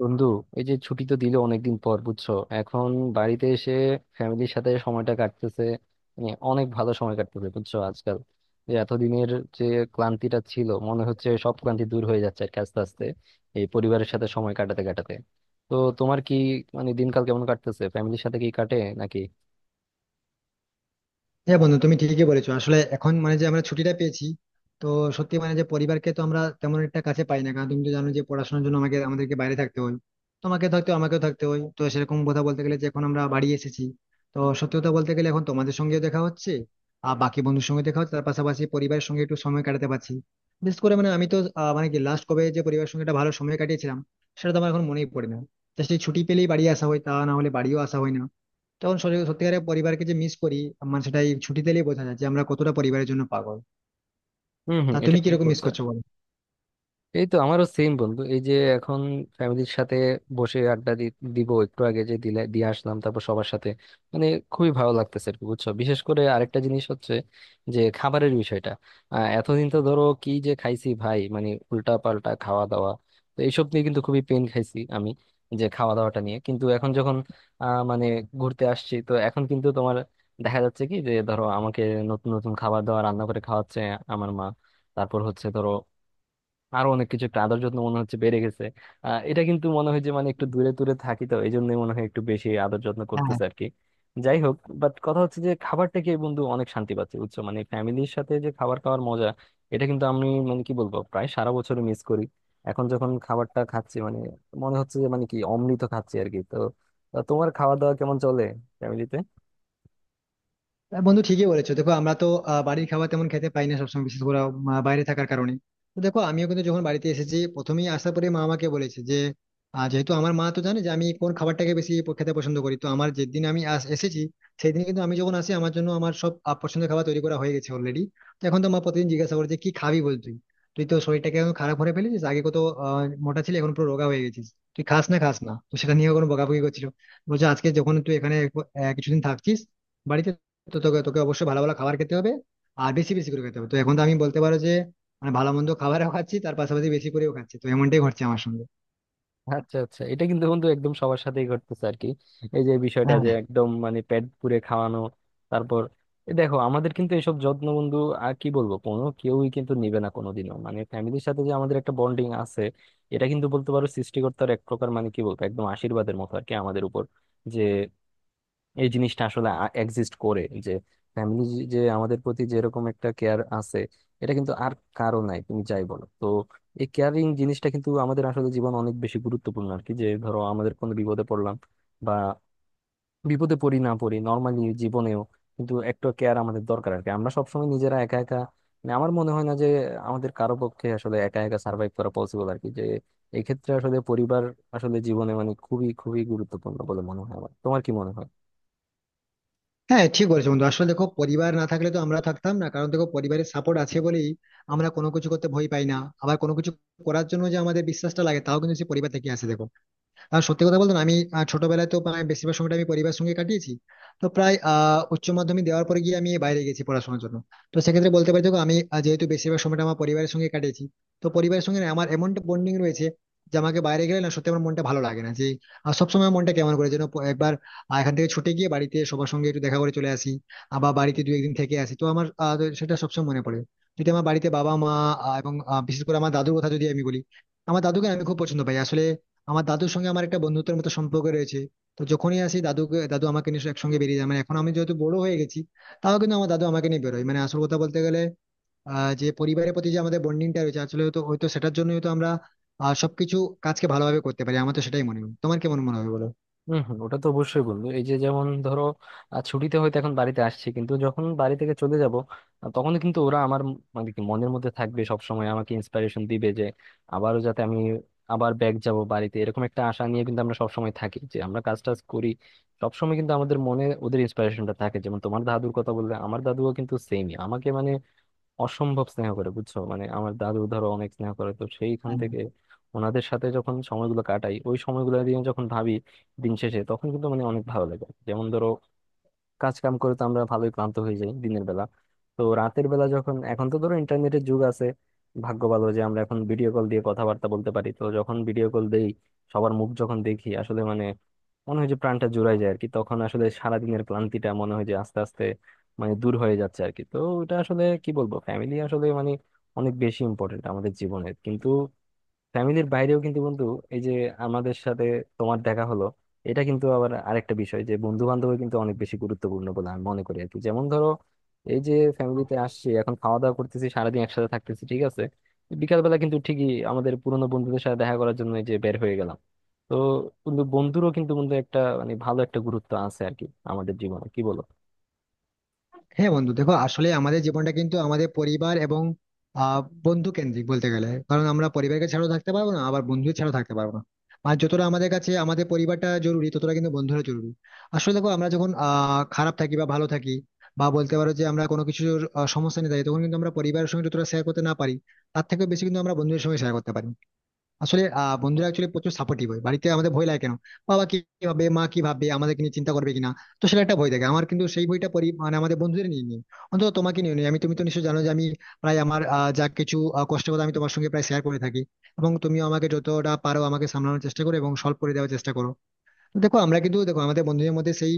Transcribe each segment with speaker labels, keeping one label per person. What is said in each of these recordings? Speaker 1: বন্ধু, এই যে ছুটি তো দিল অনেকদিন পর, বুঝছো। এখন বাড়িতে এসে ফ্যামিলির সাথে সময়টা কাটতেছে, মানে অনেক ভালো সময় কাটতেছে, বুঝছো। আজকাল যে এতদিনের যে ক্লান্তিটা ছিল, মনে হচ্ছে সব ক্লান্তি দূর হয়ে যাচ্ছে আর কি, আস্তে আস্তে, এই পরিবারের সাথে সময় কাটাতে কাটাতে। তো তোমার কি, মানে দিনকাল কেমন কাটতেছে, ফ্যামিলির সাথে কি কাটে নাকি?
Speaker 2: হ্যাঁ বন্ধু, তুমি ঠিকই বলেছো। আসলে এখন মানে যে আমরা ছুটিটা পেয়েছি, তো সত্যি মানে যে পরিবারকে তো আমরা তেমন একটা কাছে পাই না, কারণ তুমি তো জানো যে পড়াশোনার জন্য আমাদেরকে বাইরে থাকতে হয়। তোমাকে থাকতে হয়, আমাকেও থাকতে হয়। তো সেরকম কথা বলতে গেলে যে এখন আমরা বাড়ি এসেছি। তো সত্যি কথা বলতে গেলে এখন তোমাদের সঙ্গেও দেখা হচ্ছে, আর বাকি বন্ধুর সঙ্গে দেখা হচ্ছে, তার পাশাপাশি পরিবারের সঙ্গে একটু সময় কাটাতে পারছি। বিশেষ করে মানে আমি তো মানে কি, লাস্ট কবে যে পরিবারের সঙ্গে একটা ভালো সময় কাটিয়েছিলাম সেটা তো আমার এখন মনেই পড়ে না। তো সেই ছুটি পেলেই বাড়ি আসা হয়, তা না হলে বাড়িও আসা হয় না। তখন সত্যি সত্যিকারের পরিবারকে যে মিস করি আমার, সেটাই ছুটি দিলেই বোঝা যায় যে আমরা কতটা পরিবারের জন্য পাগল।
Speaker 1: হম, হম,
Speaker 2: তা
Speaker 1: এটা
Speaker 2: তুমি
Speaker 1: ঠিক
Speaker 2: কিরকম মিস
Speaker 1: বলছো।
Speaker 2: করছো বলো।
Speaker 1: এই তো আমারও সেম, বন্ধু। এই যে এখন ফ্যামিলির সাথে বসে দিব, একটু আগে যে দিলে দিয়ে আসলাম, তারপর সবার সাথে, মানে খুবই ভালো লাগতেছে আর কি, বুঝছো। বিশেষ করে আরেকটা জিনিস হচ্ছে যে খাবারের বিষয়টা। এতদিন তো ধরো কি যে খাইছি, ভাই, মানে উল্টা পাল্টা খাওয়া দাওয়া, তো এইসব নিয়ে কিন্তু খুবই পেন খাইছি আমি, যে খাওয়া দাওয়াটা নিয়ে। কিন্তু এখন যখন মানে ঘুরতে আসছি, তো এখন কিন্তু তোমার দেখা যাচ্ছে কি, যে ধরো আমাকে নতুন নতুন খাবার দাবার রান্না করে খাওয়াচ্ছে আমার মা। তারপর হচ্ছে ধরো আরো অনেক কিছু, একটা আদর যত্ন মনে হচ্ছে বেড়ে গেছে। আহ, এটা কিন্তু মনে হয় যে মানে একটু দূরে দূরে থাকি, তো এই জন্যই মনে হয় একটু বেশি আদর যত্ন করতেছে আর কি। যাই হোক, বাট কথা হচ্ছে যে খাবারটা কি, বন্ধু, অনেক শান্তি পাচ্ছি, বুঝছো। মানে ফ্যামিলির সাথে যে খাবার খাওয়ার মজা, এটা কিন্তু আমি মানে কি বলবো, প্রায় সারা বছর মিস করি। এখন যখন খাবারটা খাচ্ছি, মানে মনে হচ্ছে যে মানে কি অমৃত খাচ্ছি আর কি। তো তোমার খাওয়া দাওয়া কেমন চলে ফ্যামিলিতে?
Speaker 2: হ্যাঁ বন্ধু, ঠিকই বলেছো। দেখো আমরা তো বাড়ির খাবার তেমন খেতে পাই না সবসময়, বিশেষ করে বাইরে থাকার কারণে। তো দেখো আমিও কিন্তু যখন বাড়িতে এসেছি প্রথমেই আসার পরে মা আমাকে বলেছে যে যেহেতু আমার মা তো জানে যে আমি কোন খাবারটাকে বেশি খেতে পছন্দ করি, তো আমার যেদিন আমি এসেছি, সেই দিন কিন্তু আমি যখন আসি আমার জন্য আমার সব পছন্দের খাবার তৈরি করা হয়ে গেছে অলরেডি। তো এখন তো মা প্রতিদিন জিজ্ঞাসা করে যে কি খাবি বল তুই। তুই তো শরীরটাকে এখন খারাপ করে ফেলেছিস, আগে কত আহ, মোটা ছিলি, এখন পুরো রোগা হয়ে গেছিস। তুই খাস না খাস না, তো সেটা নিয়ে কোনো বকাবকি করছিল। বলছে আজকে যখন তুই এখানে কিছুদিন থাকছিস বাড়িতে, তো তোকে তোকে অবশ্যই ভালো ভালো খাবার খেতে হবে, আর বেশি বেশি করে খেতে হবে। তো এখন তো আমি বলতে পারো যে মানে ভালো মন্দ খাবারও খাচ্ছি, তার পাশাপাশি বেশি করেও খাচ্ছি। তো এমনটাই ঘটছে আমার সঙ্গে।
Speaker 1: আচ্ছা, আচ্ছা, এটা কিন্তু বন্ধু একদম সবার সাথেই ঘটতেছে আর কি, এই যে বিষয়টা
Speaker 2: হ্যাঁ,
Speaker 1: যে একদম মানে পেট পুরে খাওয়ানো। তারপর এ দেখো আমাদের কিন্তু এসব যত্ন, বন্ধু, আর কি বলবো, কোনো কেউই কিন্তু নিবে না কোনোদিনও। মানে ফ্যামিলির সাথে যে আমাদের একটা বন্ডিং আছে, এটা কিন্তু বলতে পারো সৃষ্টিকর্তার এক প্রকার মানে কি বলবো একদম আশীর্বাদের মতো আর কি আমাদের উপর, যে এই জিনিসটা আসলে এক্সিস্ট করে যে ফ্যামিলি, যে আমাদের প্রতি যেরকম একটা কেয়ার আছে, এটা কিন্তু আর কারো নাই, তুমি যাই বলো। তো এই কেয়ারিং জিনিসটা কিন্তু আমাদের আসলে জীবন অনেক বেশি গুরুত্বপূর্ণ আর কি। যে ধরো আমাদের কোনো বিপদে পড়লাম, বা বিপদে পড়ি না পড়ি, নর্মালি জীবনেও কিন্তু একটা কেয়ার আমাদের দরকার আর কি। আমরা সবসময় নিজেরা একা একা, মানে আমার মনে হয় না যে আমাদের কারো পক্ষে আসলে একা একা সার্ভাইভ করা পসিবল আর কি। যে এক্ষেত্রে আসলে পরিবার আসলে জীবনে মানে খুবই খুবই গুরুত্বপূর্ণ বলে মনে হয় আমার। তোমার কি মনে হয়?
Speaker 2: হ্যাঁ, ঠিক বলেছো বন্ধু। আসলে দেখো পরিবার না থাকলে তো আমরা থাকতাম না, কারণ দেখো পরিবারের সাপোর্ট আছে বলেই আমরা কোনো কিছু করতে ভয় পাই না। আবার কোনো কিছু করার জন্য যে আমাদের বিশ্বাসটা লাগে, তাও কিন্তু সেই পরিবার থেকে আসে দেখো। আর সত্যি কথা বলতে না, আমি ছোটবেলায় তো প্রায় বেশিরভাগ সময়টা আমি পরিবারের সঙ্গে কাটিয়েছি। তো প্রায় উচ্চ মাধ্যমিক দেওয়ার পরে গিয়ে আমি বাইরে গেছি পড়াশোনার জন্য। তো সেক্ষেত্রে বলতে পারি দেখো আমি যেহেতু বেশিরভাগ সময়টা আমার পরিবারের সঙ্গে কাটিয়েছি, তো পরিবারের সঙ্গে না আমার এমন বন্ডিং রয়েছে যে আমাকে বাইরে গেলে না, সত্যি আমার মনটা ভালো লাগে না যে সবসময় আমার মনটা কেমন করে যেন, একবার এখান থেকে ছুটে গিয়ে বাড়িতে সবার সঙ্গে একটু দেখা করে চলে আসি, আবার বাড়িতে দু একদিন থেকে আসি। তো আমার তো সেটা সবসময় মনে পড়ে যদি আমার বাড়িতে বাবা মা এবং বিশেষ করে আমার দাদুর কথা যদি আমি বলি। আমার দাদুকে না আমি খুব পছন্দ পাই আসলে। আমার দাদুর সঙ্গে আমার একটা বন্ধুত্বের মতো সম্পর্ক রয়েছে। তো যখনই আসি দাদুকে, দাদু আমাকে নিয়ে একসঙ্গে বেরিয়ে যায়, মানে এখন আমি যেহেতু বড় হয়ে গেছি, তাও কিন্তু আমার দাদু আমাকে নিয়ে বেরোয়। মানে আসল কথা বলতে গেলে যে পরিবারের প্রতি যে আমাদের বন্ডিংটা রয়েছে, আসলে হয়তো হয়তো সেটার জন্যই হয়তো আমরা সবকিছু কাজকে ভালোভাবে করতে পারি। আমার তো সেটাই মনে হয়, তোমার কেমন মনে হবে বলো।
Speaker 1: হম, হম, ওটা তো অবশ্যই, বন্ধু। এই যে, যেমন ধরো, আহ, ছুটিতে হয়তো এখন বাড়িতে আসছি, কিন্তু যখন বাড়ি থেকে চলে যাব, তখন কিন্তু ওরা আমার মানে কি মনের মধ্যে থাকবে সব সময়, আমাকে ইন্সপিরেশন দিবে যে আবারও যাতে আমি আবার ব্যাক যাব বাড়িতে। এরকম একটা আশা নিয়ে কিন্তু আমরা সবসময় থাকি, যে আমরা কাজ টাজ করি, সবসময় কিন্তু আমাদের মনে ওদের ইন্সপিরেশনটা থাকে। যেমন তোমার দাদুর কথা বললে, আমার দাদুও কিন্তু সেমই আমাকে মানে অসম্ভব স্নেহ করে, বুঝছো। মানে আমার দাদু ধরো অনেক স্নেহ করে, তো সেইখান
Speaker 2: হ্যাঁ।
Speaker 1: থেকে ওনাদের সাথে যখন সময়গুলো কাটাই, ওই সময়গুলো দিয়ে যখন ভাবি দিন শেষে, তখন কিন্তু মানে অনেক ভালো লাগে। যেমন ধরো, কাজ কাম করে তো আমরা ভালোই ক্লান্ত হয়ে যাই দিনের বেলা, তো রাতের বেলা যখন, এখন তো ধরো ইন্টারনেটের যুগ, আছে ভাগ্য ভালো যে আমরা এখন ভিডিও কল দিয়ে কথাবার্তা বলতে পারি। তো যখন ভিডিও কল দেই, সবার মুখ যখন দেখি, আসলে মানে মনে হয় যে প্রাণটা জুড়ায় যায় আর কি। তখন আসলে সারাদিনের ক্লান্তিটা মনে হয় যে আস্তে আস্তে মানে দূর হয়ে যাচ্ছে আর কি। তো এটা আসলে কি বলবো, ফ্যামিলি আসলে মানে অনেক বেশি ইম্পর্টেন্ট আমাদের জীবনের। কিন্তু ফ্যামিলির বাইরেও কিন্তু বন্ধু, এই যে আমাদের সাথে তোমার দেখা হলো, এটা কিন্তু আবার আরেকটা বিষয় যে বন্ধু বান্ধব কিন্তু অনেক বেশি গুরুত্বপূর্ণ বলে আমি মনে করি আর কি। যেমন ধরো, এই যে ফ্যামিলিতে আসছি, এখন খাওয়া দাওয়া করতেছি, সারাদিন একসাথে থাকতেছি, ঠিক আছে, বিকালবেলা কিন্তু ঠিকই আমাদের পুরোনো বন্ধুদের সাথে দেখা করার জন্য এই যে বের হয়ে গেলাম। তো কিন্তু বন্ধুরও কিন্তু, বন্ধু, একটা মানে ভালো একটা গুরুত্ব আছে আর কি আমাদের জীবনে, কি বলো?
Speaker 2: হ্যাঁ বন্ধু, দেখো আসলে আমাদের জীবনটা কিন্তু আমাদের পরিবার এবং আহ বন্ধু কেন্দ্রিক বলতে গেলে, কারণ আমরা পরিবারকে ছাড়াও থাকতে পারবো না, আবার বন্ধু ছাড়াও থাকতে পারবো না। আর যতটা আমাদের কাছে আমাদের পরিবারটা জরুরি, ততটা কিন্তু বন্ধুরা জরুরি। আসলে দেখো আমরা যখন খারাপ থাকি বা ভালো থাকি, বা বলতে পারো যে আমরা কোনো কিছুর সমস্যা নিয়ে থাকি, তখন কিন্তু আমরা পরিবারের সঙ্গে যতটা শেয়ার করতে না পারি, তার থেকেও বেশি কিন্তু আমরা বন্ধুদের সঙ্গে শেয়ার করতে পারি। আসলে বন্ধুরা অ্যাকচুয়ালি প্রচুর সাপোর্টিভ হয়। বাড়িতে আমাদের ভয় লাগে কেন, বাবা কি ভাবে মা কি ভাবে আমাদেরকে নিয়ে চিন্তা করবে কিনা, তো সেটা একটা ভয় থাকে আমার। কিন্তু সেই বইটা পড়ি মানে আমাদের বন্ধুদের নিয়ে নিই, অন্তত তোমাকে নিয়ে নিই আমি। তুমি তো নিশ্চয়ই জানো যে আমি প্রায় আমার যা কিছু কষ্টের কথা আমি তোমার সঙ্গে প্রায় শেয়ার করে থাকি। এবং তুমিও আমাকে যতটা পারো আমাকে সামলানোর চেষ্টা করো এবং সলভ করে দেওয়ার চেষ্টা করো। দেখো আমরা কিন্তু, দেখো আমাদের বন্ধুদের মধ্যে সেই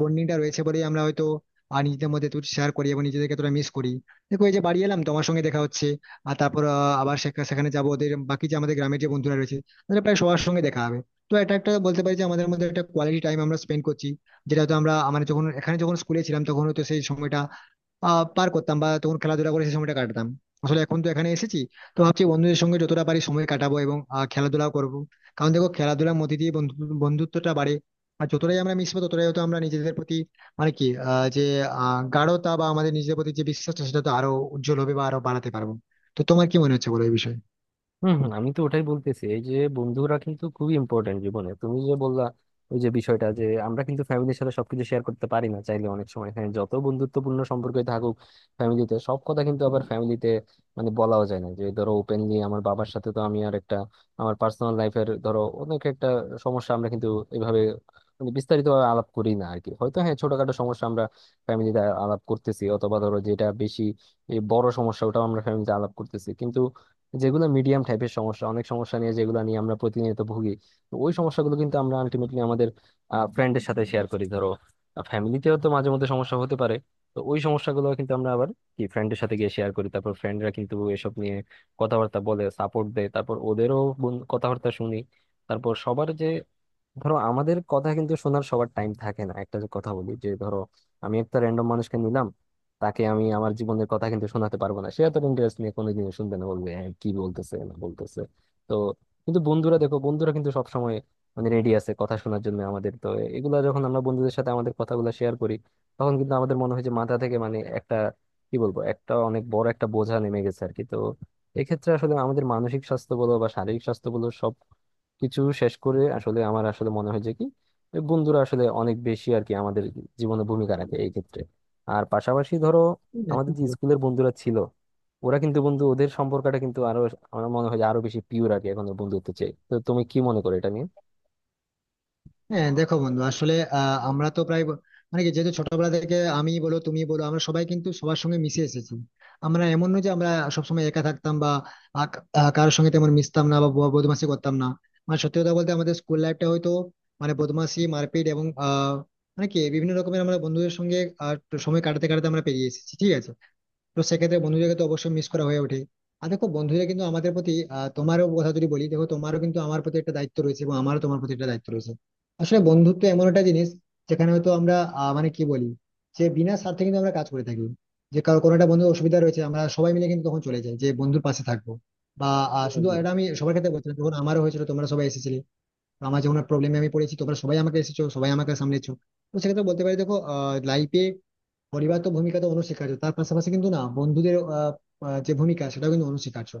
Speaker 2: বন্ডিংটা রয়েছে বলেই আমরা হয়তো নিজেদের মধ্যে একটু শেয়ার করি এবং নিজেদেরকে তোরা মিস করি। দেখো এই যে বাড়ি এলাম তোমার সঙ্গে দেখা হচ্ছে, আর তারপর আবার সেখানে যাবো, ওদের বাকি যে আমাদের গ্রামের যে বন্ধুরা রয়েছে তাদের প্রায় সবার সঙ্গে দেখা হবে। তো এটা একটা বলতে পারি যে আমাদের মধ্যে একটা কোয়ালিটি টাইম আমরা স্পেন্ড করছি, যেটা হয়তো আমরা আমরা যখন এখানে যখন স্কুলে ছিলাম, তখন হয়তো সেই সময়টা পার করতাম বা তখন খেলাধুলা করে সেই সময়টা কাটাতাম। আসলে এখন তো এখানে এসেছি, তো ভাবছি বন্ধুদের সঙ্গে যতটা পারি সময় কাটাবো এবং খেলাধুলাও করবো। কারণ দেখো খেলাধুলার মধ্যে দিয়ে বন্ধুত্বটা বাড়ে। আর যতটাই আমরা মিশবো, ততটাই হয়তো আমরা নিজেদের প্রতি মানে কি যে গাঢ়তা বা আমাদের নিজেদের প্রতি যে বিশ্বাসটা, সেটা তো আরো উজ্জ্বল হবে বা আরো বাড়াতে পারবো। তো তোমার কি মনে হচ্ছে বলো এই বিষয়ে।
Speaker 1: হম, হম, আমি তো ওটাই বলতেছি, এই যে বন্ধুরা কিন্তু খুবই ইম্পর্টেন্ট জীবনে। তুমি যে বললা, ওই যে বিষয়টা যে আমরা কিন্তু ফ্যামিলির সাথে সবকিছু শেয়ার করতে পারি না চাইলে অনেক সময়, হ্যাঁ, যত বন্ধুত্বপূর্ণ সম্পর্কই থাকুক ফ্যামিলিতে, সব কথা কিন্তু আবার ফ্যামিলিতে মানে বলাও যায় না। যে ধরো ওপেনলি আমার বাবার সাথে তো আমি আর একটা আমার পার্সোনাল লাইফের ধরো অনেক একটা সমস্যা, আমরা কিন্তু এভাবে মানে বিস্তারিত ভাবে আলাপ করি না আর কি। হয়তো হ্যাঁ, ছোটখাটো সমস্যা আমরা ফ্যামিলিতে আলাপ করতেছি, অথবা ধরো যেটা বেশি এই বড় সমস্যা, ওটাও আমরা ফ্যামিলিতে আলাপ করতেছি। যেগুলো মিডিয়াম টাইপের সমস্যা, অনেক সমস্যা নিয়ে যেগুলো নিয়ে আমরা প্রতিনিয়ত ভুগি, তো ওই সমস্যাগুলো কিন্তু আমরা আলটিমেটলি আমাদের ফ্রেন্ডের সাথে শেয়ার করি। ধরো ফ্যামিলিতেও তো মাঝে মধ্যে সমস্যা হতে পারে, তো ওই সমস্যাগুলো কিন্তু আমরা আবার কি ফ্রেন্ডের সাথে গিয়ে শেয়ার করি। তারপর ফ্রেন্ডরা কিন্তু এসব নিয়ে কথাবার্তা বলে সাপোর্ট দেয়, তারপর কথাবার্তা শুনি। তারপর সবার যে, ধরো আমাদের কথা কিন্তু শোনার সবার টাইম থাকে না, একটা যে কথা বলি যে, ধরো আমি একটা র্যান্ডম মানুষকে নিলাম, তাকে আমি আমার জীবনের কথা কিন্তু শোনাতে পারবো না, সে এত ইন্টারেস্ট নিয়ে কোনোদিন শুনবে না, বলবে হ্যাঁ কি বলতেছে না বলতেছে। তো কিন্তু বন্ধুরা, দেখো বন্ধুরা কিন্তু সবসময় মানে রেডি আছে কথা শোনার জন্য আমাদের। তো এগুলা যখন আমরা বন্ধুদের সাথে আমাদের কথাগুলো শেয়ার করি, তখন কিন্তু আমাদের মনে হয় যে মাথা থেকে মানে একটা, কি বলবো, একটা অনেক বড় একটা বোঝা নেমে গেছে আর কি। তো এক্ষেত্রে আসলে আমাদের মানসিক স্বাস্থ্য বলো বা শারীরিক স্বাস্থ্য বলো, কিছু শেষ করে আসলে আমার আসলে মনে হয় যে কি, যে বন্ধুরা আসলে অনেক বেশি আর কি আমাদের জীবনে ভূমিকা রাখে এই ক্ষেত্রে। আর পাশাপাশি ধরো আমাদের যে স্কুলের বন্ধুরা ছিল, ওরা কিন্তু বন্ধু, ওদের সম্পর্কটা কিন্তু আরো, আমার মনে হয় যে আরো বেশি পিওর আর কি এখন বন্ধুত্ব চেয়ে। তো তুমি কি মনে করো এটা নিয়ে?
Speaker 2: হ্যাঁ দেখো বন্ধু, আসলে আমরা তো প্রায় মানে কি, যেহেতু ছোটবেলা থেকে আমি বলো তুমি বলো আমরা সবাই কিন্তু সবার সঙ্গে মিশে এসেছি। আমরা এমন নয় যে আমরা সবসময় একা থাকতাম বা কারোর সঙ্গে তেমন মিশতাম না বা বদমাশি করতাম না। মানে সত্যি কথা বলতে আমাদের স্কুল লাইফটা হয়তো মানে বদমাশি মারপিট এবং মানে কি বিভিন্ন রকমের আমরা বন্ধুদের সঙ্গে আহ, সময় কাটাতে কাটাতে আমরা পেরিয়ে এসেছি, ঠিক আছে। তো সেক্ষেত্রে বন্ধুদেরকে তো অবশ্যই মিস করা হয়ে ওঠে। আর দেখো বন্ধুরা কিন্তু আমাদের প্রতি তোমারও কথা যদি বলি, দেখো তোমারও কিন্তু আমার প্রতি একটা দায়িত্ব রয়েছে এবং আমারও তোমার প্রতি একটা দায়িত্ব রয়েছে। আসলে বন্ধুত্ব এমন একটা জিনিস যেখানে হয়তো আমরা মানে কি বলি, যে বিনা স্বার্থে কিন্তু আমরা কাজ করে থাকি। যে কারো কোনো একটা বন্ধুর অসুবিধা রয়েছে, আমরা সবাই মিলে কিন্তু তখন চলে যাই যে বন্ধুর পাশে থাকবো। বা শুধু
Speaker 1: হুম,
Speaker 2: এটা আমি সবার ক্ষেত্রে বলছিলাম, যখন আমারও হয়েছিল তোমরা সবাই এসেছিলে। তো আমার যখন প্রবলেমে আমি পড়েছি, তোমরা সবাই আমাকে এসেছো, সবাই আমাকে সামলেছো। তো সেক্ষেত্রে বলতে পারি দেখো লাইফে পরিবার তো ভূমিকা তো অনস্বীকার্য, তার পাশাপাশি কিন্তু না বন্ধুদের আহ, আহ, যে ভূমিকা, সেটা কিন্তু অনস্বীকার্য।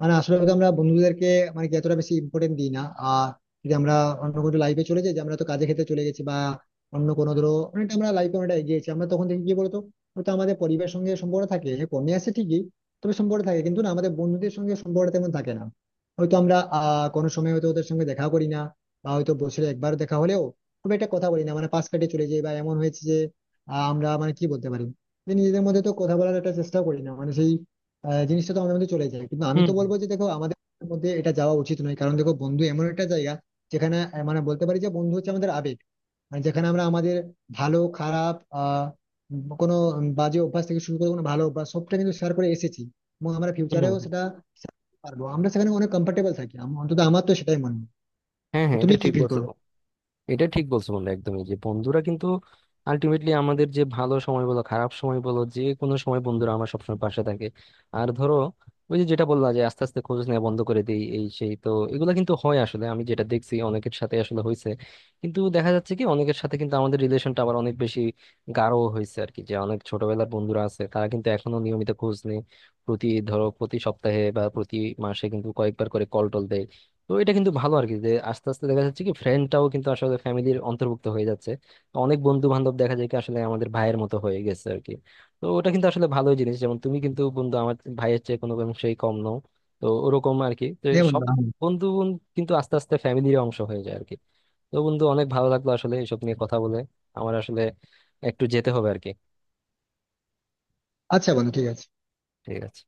Speaker 2: মানে আসলে হয়তো আমরা বন্ধুদেরকে মানে কি এতটা বেশি ইম্পর্টেন্ট দিই না। আর যদি আমরা অন্য কোনো লাইফে চলে যাই, যে আমরা তো কাজে ক্ষেত্রে চলে গেছি বা অন্য কোনো ধরো, অনেকটা আমরা লাইফে অনেকটা এগিয়েছি, আমরা তখন দেখি কি বলতো হয়তো আমাদের পরিবারের সঙ্গে সম্পর্ক থাকে, হ্যাঁ, কমে আসে ঠিকই, তবে সম্পর্ক থাকে, কিন্তু না আমাদের বন্ধুদের সঙ্গে সম্পর্ক তেমন থাকে না। হয়তো আমরা কোনো সময় হয়তো ওদের সঙ্গে দেখা করি না, বা হয়তো বছরে একবার দেখা হলেও খুব একটা কথা বলি না, মানে পাশ কাটিয়ে চলে যাই, বা এমন হয়েছে আমরা মানে কি বলতে পারি যে নিজেদের মধ্যে তো কথা বলার একটা চেষ্টা করি না, মানে সেই জিনিসটা তো আমাদের মধ্যে চলে যায়। কিন্তু আমি
Speaker 1: হুম,
Speaker 2: তো বলবো যে দেখো আমাদের মধ্যে এটা যাওয়া উচিত নয়, কারণ দেখো বন্ধু এমন একটা জায়গা যেখানে মানে বলতে পারি যে বন্ধু হচ্ছে আমাদের আবেগ। মানে যেখানে আমরা আমাদের ভালো খারাপ কোনো বাজে অভ্যাস থেকে শুরু করে কোনো ভালো অভ্যাস সবটা কিন্তু শেয়ার করে এসেছি। এবং আমরা
Speaker 1: হুম, হুম,
Speaker 2: ফিউচারেও
Speaker 1: হুম। হুম।
Speaker 2: সেটা share করতে পারবো। আমরা সেখানে অনেক কমফোর্টেবল থাকি, অন্তত আমার তো সেটাই মনে হয়।
Speaker 1: হ্যাঁ,
Speaker 2: তো
Speaker 1: হ্যাঁ,
Speaker 2: তুমি
Speaker 1: এটা
Speaker 2: কি
Speaker 1: ঠিক
Speaker 2: ফিল
Speaker 1: বলছো।
Speaker 2: করো।
Speaker 1: এটা ঠিক বলছো, বন্ধু, একদমই, যে বন্ধুরা কিন্তু আলটিমেটলি আমাদের যে ভালো সময় বলো খারাপ সময় বলো, যে কোনো সময় বন্ধুরা আমার সবসময় পাশে থাকে। আর ধরো ওই যে যেটা বললা, যে আস্তে আস্তে খোঁজ নেওয়া বন্ধ করে দিই এই সেই, তো এগুলো কিন্তু হয় আসলে, আমি যেটা দেখছি অনেকের সাথে আসলে হয়েছে। কিন্তু দেখা যাচ্ছে কি, অনেকের সাথে কিন্তু আমাদের রিলেশনটা আবার অনেক বেশি গাঢ় হয়েছে আর কি। যে অনেক ছোটবেলার বন্ধুরা আছে, তারা কিন্তু এখনো নিয়মিত খোঁজ নেই, প্রতি ধরো প্রতি সপ্তাহে বা প্রতি মাসে কিন্তু কয়েকবার করে কল টল দেয়। তো এটা কিন্তু ভালো আর কি, যে আস্তে আস্তে দেখা যাচ্ছে কি ফ্রেন্ডটাও কিন্তু আসলে ফ্যামিলির অন্তর্ভুক্ত হয়ে যাচ্ছে। তো অনেক বন্ধু বান্ধব দেখা যায় কি আসলে আমাদের ভাইয়ের মতো হয়ে গেছে আর কি। তো ওটা কিন্তু আসলে ভালোই জিনিস, যেমন তুমি, কিন্তু বন্ধু, আমার ভাইয়ের চেয়ে কোনো অংশেই কম নও, তো ওরকম আর কি। তো
Speaker 2: হ্যাঁ
Speaker 1: সব
Speaker 2: বন্ধু,
Speaker 1: বন্ধু কিন্তু আস্তে আস্তে ফ্যামিলির অংশ হয়ে যায় আর কি। তো বন্ধু, অনেক ভালো লাগলো আসলে এসব নিয়ে কথা বলে। আমার আসলে একটু যেতে হবে আর কি।
Speaker 2: আচ্ছা বন্ধু, ঠিক আছে।
Speaker 1: ঠিক আছে।